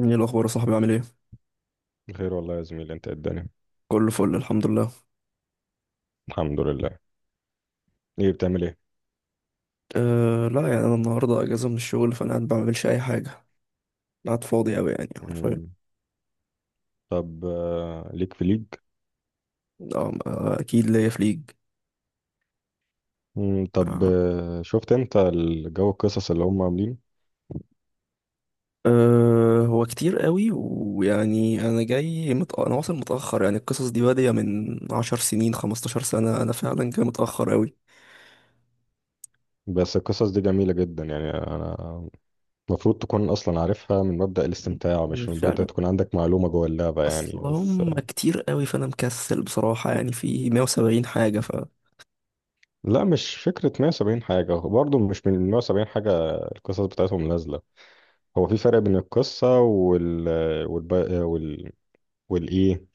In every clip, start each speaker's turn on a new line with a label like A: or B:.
A: ايه الاخبار يا صاحبي عامل ايه؟
B: بخير والله يا زميلي. انت إيه الدنيا؟
A: كله فل الحمد لله.
B: الحمد لله. ايه بتعمل ايه؟
A: أه لا يعني انا النهارده اجازه من الشغل فانا قاعد بعملش اي حاجه. قاعد فاضي قوي يعني حرفيا.
B: مم. طب، ليك في ليج؟
A: اكيد ليا في ليج.
B: مم. طب
A: آه.
B: آه، شفت انت الجو القصص اللي هم عاملينه؟
A: أه هو كتير قوي ويعني انا انا واصل متاخر يعني القصص دي باديه من 10 سنين 15 سنه، انا فعلا جاي متاخر قوي.
B: بس القصص دي جميلة جدا يعني انا المفروض تكون اصلا عارفها من مبدأ الاستمتاع، مش من
A: مش
B: مبدأ
A: عارف،
B: تكون عندك معلومة جوه اللعبة،
A: اصل
B: يعني بس
A: هم كتير قوي فانا مكسل بصراحه، يعني في 170 حاجه ف
B: لا، مش فكرة 170 حاجة، برضه مش من 170 حاجة القصص بتاعتهم نازلة. هو في فرق بين القصة والب... آه، وال... والايه،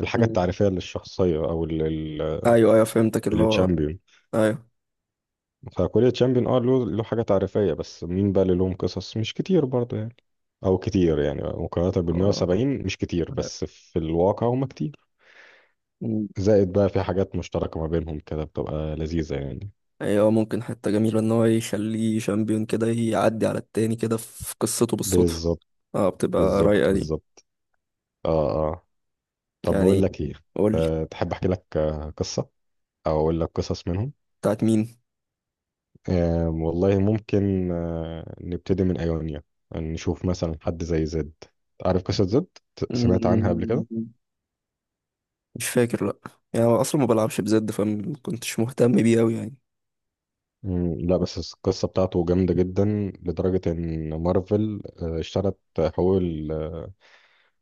B: الحاجة
A: مم.
B: التعريفية للشخصية أو
A: ايوه ايوه فهمتك اللي هو.
B: التشامبيون.
A: ايوه.
B: فكل تشامبيون اه له حاجة تعريفية، بس مين بقى اللي لهم قصص؟ مش كتير برضه يعني، او كتير يعني مقارنة بال 170. مش كتير، بس في الواقع هم كتير.
A: آه.
B: زائد بقى في حاجات مشتركة ما بينهم كده بتبقى لذيذة يعني.
A: ايوه ممكن حتة جميلة ان هو يخليه شامبيون كده يعدي على التاني كده في قصته بالصدفة.
B: بالظبط،
A: اه بتبقى
B: بالظبط،
A: رايقة دي.
B: بالظبط. اه، اه. طب بقول
A: يعني
B: لك ايه،
A: قولي
B: تحب احكي لك قصة؟ او اقول لك قصص منهم.
A: بتاعت مين.
B: والله ممكن نبتدي من ايونيا. نشوف مثلا حد زي زد. عارف قصة زد؟ سمعت عنها قبل كده؟
A: مم، مش فاكر لأ. يعني أنا أصلا ما بلعبش بزد فمكنتش مهتم بيه أوي يعني.
B: مم، لا بس القصة بتاعته جامدة جدا، لدرجة إن مارفل اشترت حقوق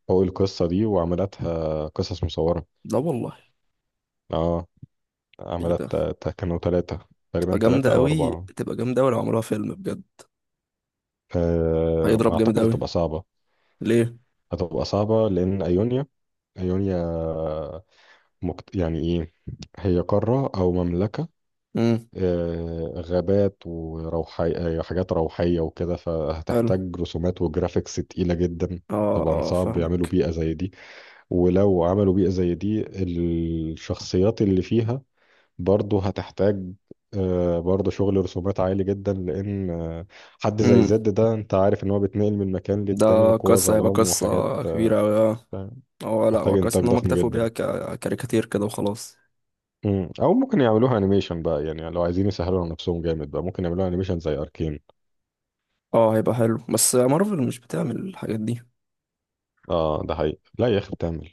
B: حقوق القصة دي وعملتها قصص مصورة.
A: لا والله.
B: اه،
A: ايه
B: عملت،
A: ده؟
B: كانوا ثلاثة،
A: تبقى
B: تقريبا ثلاثة
A: جامدة
B: أو
A: أوي،
B: أربعة.
A: تبقى جامدة أوي لو عملوها فيلم بجد. هيضرب جامد
B: أعتقد
A: أوي.
B: هتبقى صعبة.
A: ليه؟
B: هتبقى صعبة لأن أيونيا يعني إيه، هي قارة أو مملكة.
A: امم.
B: غابات وروحي، حاجات روحية وكده،
A: حلو.
B: فهتحتاج رسومات وجرافيكس تقيلة جدا.
A: اه
B: طبعا
A: اه
B: صعب يعملوا
A: فاهمك.
B: بيئة زي دي، ولو عملوا بيئة زي دي الشخصيات اللي فيها برضه هتحتاج، برضه شغل رسومات عالي جدا، لأن حد زي
A: امم.
B: زد ده أنت عارف إن هو بيتنقل من مكان
A: ده
B: للتاني وجوه
A: قصة، هيبقى
B: ظلام وحاجات.
A: قصة كبيرة أوي آه.
B: آه،
A: اه لا
B: تحتاج
A: هو كويس
B: إنتاج
A: ان هم
B: ضخم
A: اكتفوا بيها
B: جدا.
A: ككاريكاتير كده وخلاص.
B: أو ممكن يعملوها أنيميشن بقى، يعني لو عايزين يسهلوا على نفسهم جامد بقى ممكن يعملوها أنيميشن زي أركين.
A: اه هيبقى حلو بس مارفل مش بتعمل الحاجات دي.
B: اه ده حقيقي. لا يا اخي، بتعمل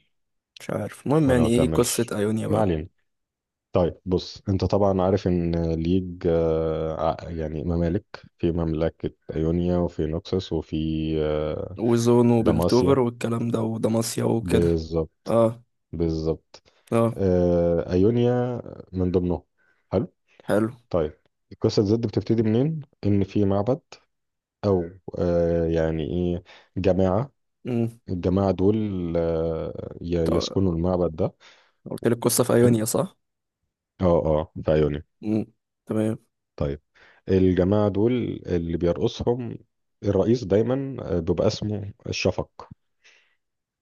A: مش عارف المهم،
B: ولا ما
A: يعني ايه قصة
B: بتعملش،
A: ايونيا
B: ما
A: بقى؟
B: علينا. طيب بص، انت طبعا عارف ان ليج يعني ممالك. في مملكة ايونيا وفي نوكسوس وفي آه،
A: وزون
B: داماسيا.
A: وبلتوفر والكلام ده ودماسيا وكده.
B: بالظبط،
A: اه.
B: بالظبط.
A: اه.
B: ايونيا من ضمنهم. حلو.
A: حلو.
B: طيب، القصة ضد بتبتدي منين؟ ان في معبد، او يعني ايه، جماعة.
A: امم.
B: الجماعة دول يسكنوا المعبد ده.
A: قلت لك قصة في
B: حلو.
A: ايونيا صح؟
B: اه، اه، في ايونيا.
A: امم. تمام.
B: طيب، الجماعة دول اللي بيرقصهم الرئيس دايما بيبقى اسمه الشفق.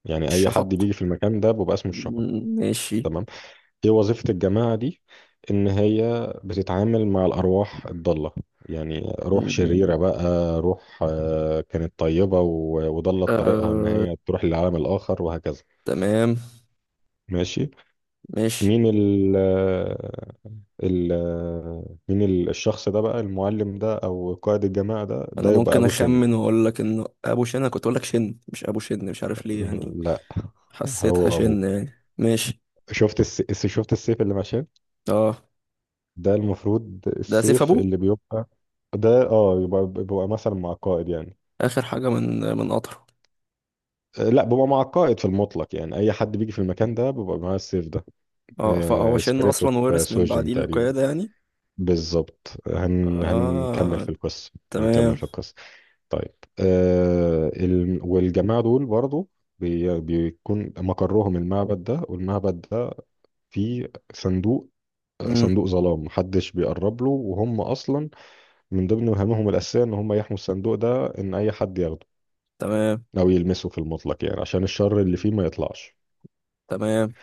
B: يعني أي حد
A: الشفق.
B: بيجي في المكان ده بيبقى اسمه الشفق.
A: مم، ماشي.
B: تمام. ايه وظيفة الجماعة دي؟ إن هي بتتعامل مع الأرواح الضالة، يعني روح
A: مم،
B: شريرة بقى، روح كانت طيبة وضلت طريقها إن
A: آه.
B: هي تروح للعالم الآخر وهكذا.
A: تمام.
B: ماشي.
A: ماشي.
B: مين ال آه، ال آه، مين ال- الشخص ده بقى، المعلم ده أو قائد الجماعة ده
A: انا
B: ده يبقى
A: ممكن
B: أبو شن.
A: اخمن واقول لك انه ابو شن. انا كنت اقول لك شن مش ابو شن، مش عارف ليه يعني.
B: لا،
A: حسيتها
B: هو ابوه.
A: شن يعني. ماشي.
B: شفت السيف اللي ماشي.
A: اه.
B: ده المفروض
A: ده سيف
B: السيف
A: ابوه.
B: اللي بيبقى، ده اه يبقى بيبقى مثلا مع القائد يعني.
A: اخر حاجه من قطره.
B: لا، بيبقى مع القائد في المطلق، يعني اي حد بيجي في المكان ده بيبقى معاه السيف ده.
A: اه فهو شن
B: سبيريت
A: اصلا
B: اوف
A: ورث من
B: سوجن
A: بعديه
B: تقريبا.
A: القياده يعني.
B: بالظبط. هنكمل
A: اه.
B: في القصه، هنكمل
A: تمام.
B: في القصه. طيب، والجماعه دول برضو بيكون مقرهم المعبد ده. والمعبد ده فيه صندوق،
A: امم.
B: صندوق ظلام محدش بيقرب له، وهم اصلا من ضمن مهامهم الاساسيه ان هم يحموا الصندوق ده، ان اي حد ياخده
A: تمام.
B: او يلمسه في المطلق، يعني عشان الشر اللي فيه ما يطلعش.
A: تمام.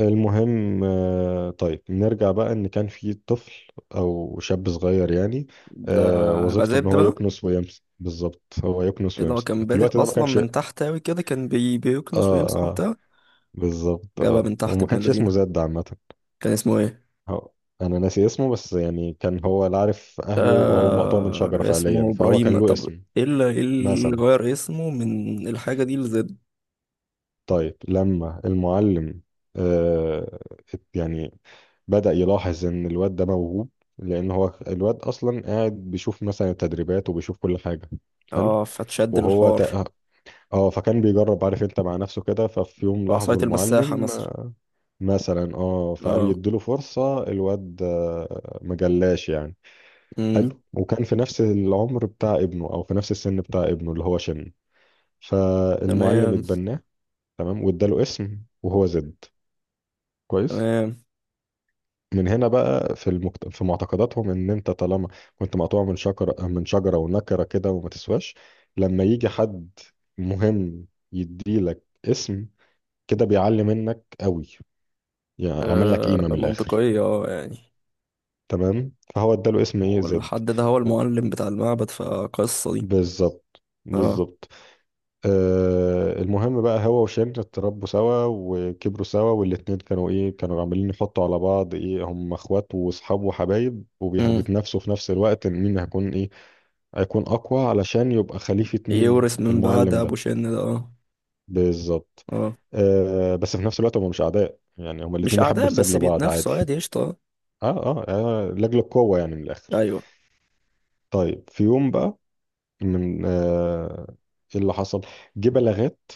B: المهم طيب نرجع بقى، ان كان في طفل او شاب صغير يعني،
A: ده هبقى
B: وظيفته ان
A: زبد
B: هو
A: بقى.
B: يكنس ويمسك بالظبط، هو يكنس
A: ايه ده، هو
B: ويمسك
A: كان
B: في
A: بادئ
B: الوقت ده ما
A: اصلا
B: كانش اه،
A: من تحت اوي كده، كان بيكنس ويمسح
B: اه
A: وبتاع.
B: بالظبط.
A: جابها
B: اه،
A: من
B: هو
A: تحت
B: ما
A: ابن
B: كانش
A: الذين.
B: اسمه زاد عامه.
A: كان اسمه ايه؟
B: هو- انا ناسي اسمه، بس يعني كان هو لا عارف اهله، وهو مقطوع من
A: آه
B: شجره
A: اسمه
B: فعليا، فهو
A: ابراهيم.
B: كان له
A: طب
B: اسم
A: ايه اللي، إيه اللي
B: مثلا.
A: غير اسمه من الحاجه دي لزد؟
B: طيب لما المعلم آه يعني بدأ يلاحظ ان الواد ده موهوب، لان هو الواد اصلا قاعد بيشوف مثلا التدريبات، وبيشوف كل حاجة. حلو.
A: اه فتشد
B: وهو
A: الحوار.
B: تق... اه، فكان بيجرب، عارف انت، مع نفسه كده. ففي يوم لاحظه
A: بعصايه المساحه
B: المعلم،
A: مثلا.
B: مثلا، اه فقال
A: اه.
B: يديله فرصة، الواد مجلاش يعني.
A: امم.
B: حلو. وكان في نفس العمر بتاع ابنه، او في نفس السن بتاع ابنه اللي هو شن. فالمعلم
A: تمام.
B: اتبناه. تمام، واداله اسم، وهو زد. كويس.
A: تمام.
B: من هنا بقى في في معتقداتهم ان انت طالما كنت مقطوع من شجره ونكره كده وما تسواش، لما يجي حد مهم يديلك اسم، كده بيعلي منك قوي، يعني عمل لك
A: آه
B: قيمه من الاخر.
A: منطقية اه يعني.
B: تمام، فهو اداله اسم ايه، زد.
A: والحد ده هو المعلم بتاع المعبد فقصة دي.
B: بالظبط،
A: اه.
B: بالظبط. المهم بقى، هو وشن اتربوا سوا وكبروا سوا، والاتنين كانوا ايه، كانوا عمالين يحطوا على بعض ايه، هم اخوات واصحاب وحبايب،
A: امم.
B: وبيتنافسوا في نفس الوقت إن مين هيكون ايه، هيكون اقوى علشان يبقى خليفة مين؟
A: يورث من بعد
B: المعلم
A: ابو
B: ده.
A: شن ده اه.
B: بالظبط.
A: اه
B: بس في نفس الوقت هم مش اعداء يعني، هم
A: مش
B: الاتنين يحبوا
A: اعداء
B: الخير
A: بس
B: لبعض عادي.
A: بيتنافسوا عادي، قشطة.
B: اه، اه، لاجل القوة يعني، من الاخر.
A: ايوه.
B: طيب، في يوم بقى، من ايه اللي حصل، جه بلاغات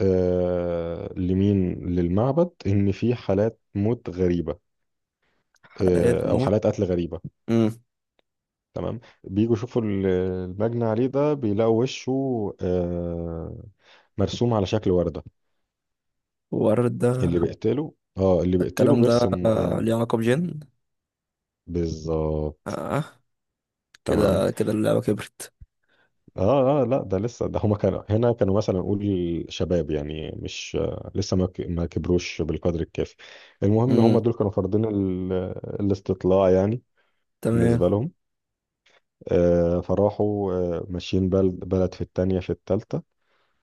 B: لمين، للمعبد، ان في حالات موت غريبه،
A: حلقات
B: او
A: موت.
B: حالات قتل غريبه.
A: امم.
B: تمام. بيجوا يشوفوا المجني عليه ده، بيلاقوا وشه آه، مرسوم على شكل ورده. اللي
A: وردة.
B: بيقتله اه، اللي
A: ده
B: بيقتله
A: الكلام ده،
B: بيرسم
A: ليه
B: يعني.
A: علاقة بجن.
B: بالظبط.
A: اه.
B: تمام.
A: كده كده اللعبة كبرت.
B: اه، اه، لا ده لسه، ده هما كانوا هنا كانوا مثلا نقول شباب يعني، مش لسه ما كبروش بالقدر الكافي. المهم هما
A: امم.
B: دول كانوا فرضين الاستطلاع يعني،
A: تمام.
B: بالنسبه لهم. فراحوا ماشيين بلد بلد، في التانية، في التالتة.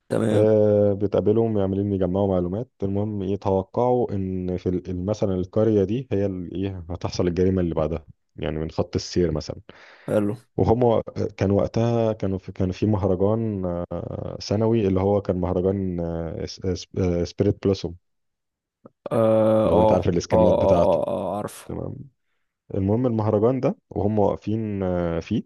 A: تمام.
B: بتقابلهم عمالين يجمعوا معلومات. المهم يتوقعوا إن في مثلا القرية دي هي إيه، هتحصل الجريمة اللي بعدها، يعني من خط السير مثلا.
A: حلو.
B: وهم كان وقتها كانوا في، كان في مهرجان سنوي، اللي هو كان مهرجان سبيريت بلوسوم،
A: اه
B: لو انت
A: اه
B: عارف
A: اه
B: الاسكنات
A: اه
B: بتاعته.
A: عارفه.
B: تمام. المهم المهرجان ده وهم واقفين فيه،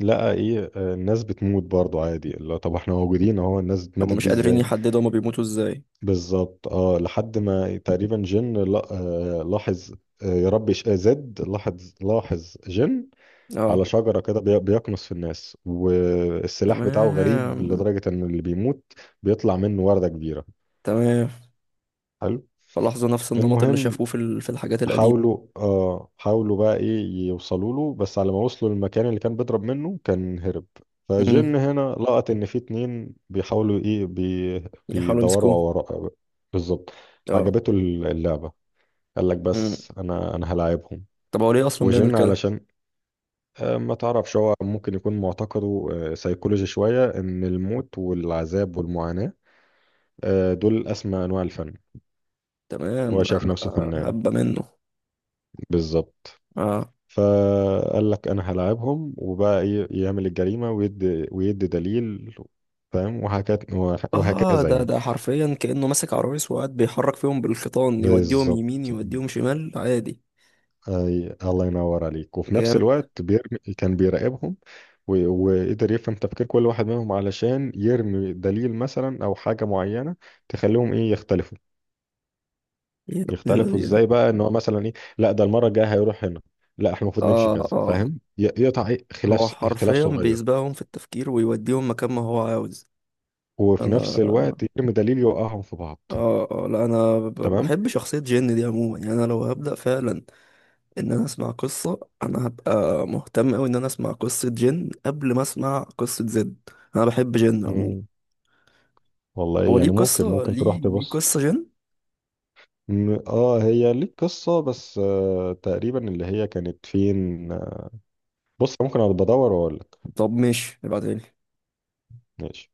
B: لا ايه، الناس بتموت برضو عادي؟ لا طب احنا موجودين اهو، الناس
A: هما
B: ماتت
A: مش
B: دي
A: قادرين
B: ازاي؟
A: يحددوا هما بيموتوا ازاي.
B: بالظبط. اه لحد ما تقريبا جن، لا لاحظ، آه، يا رب ش- آه، زد لاحظ. جن
A: اه.
B: على شجرة كده بيقنص في الناس، والسلاح بتاعه غريب
A: تمام.
B: لدرجة ان اللي بيموت بيطلع منه وردة كبيرة.
A: تمام.
B: حلو.
A: فلاحظوا نفس النمط اللي
B: المهم
A: شافوه في في الحاجات القديمة.
B: حاولوا اه، حاولوا بقى ايه، يوصلوا له. بس على ما وصلوا للمكان اللي كان بيضرب منه كان هرب. فجن
A: امم.
B: هنا لقط ان في اتنين بيحاولوا ايه،
A: يحاولوا
B: بيدوروا على
A: يمسكوه.
B: وراه. بالظبط.
A: اه.
B: عجبته اللعبة، قال لك
A: امم.
B: بس انا هلاعبهم.
A: طب هو ليه اصلا بيعمل
B: وجن
A: كده؟
B: علشان ما تعرفش، هو ممكن يكون معتقده سيكولوجي شوية، ان الموت والعذاب والمعاناة دول اسمى انواع الفن،
A: تمام.
B: وهو
A: ده
B: شايف نفسه فنان.
A: هبة منه.
B: بالظبط.
A: اه.
B: فقال لك انا هلاعبهم، وبقى ايه، يعمل الجريمه ويدي، ويدي دليل، فاهم، وهكذا
A: اه
B: وهكذا
A: ده
B: يعني.
A: ده حرفيا كأنه ماسك عرايس وقاعد بيحرك فيهم بالخيطان، يوديهم
B: بالظبط.
A: يمين يوديهم شمال عادي.
B: أي الله ينور عليك. وفي نفس
A: جامد.
B: الوقت بيرمي، كان بيراقبهم، وقدر يفهم تفكير كل واحد منهم، علشان يرمي دليل مثلا او حاجه معينه تخليهم ايه، يختلفوا.
A: يا ابن
B: يختلفوا
A: الذين.
B: ازاي بقى، ان هو مثلا ايه، لا ده المره الجايه هيروح هنا، لا احنا المفروض نمشي
A: اه
B: كذا،
A: اه.
B: فاهم، يقطع إيه؟
A: هو
B: خلاف، خلاف
A: حرفيا
B: صغير،
A: بيسبقهم في التفكير ويوديهم مكان ما هو عاوز.
B: وفي نفس
A: انا
B: الوقت يرمي دليل يوقعهم في بعض.
A: اه اه لا، انا
B: تمام.
A: بحب شخصية جين دي عموما، يعني انا لو هبدأ فعلا ان انا اسمع قصة، انا هبقى مهتم اوي ان انا اسمع قصة جين قبل ما اسمع قصة زد. انا بحب جين عموما.
B: مم. والله
A: هو ليه
B: يعني ممكن
A: قصة،
B: ممكن تروح
A: ليه ليه
B: تبص.
A: قصة جين؟
B: هي ليك قصة، بس آه تقريبا اللي هي كانت فين، بص ممكن انا بدور واقول لك.
A: طب ماشي، ابعتها لي.
B: ماشي.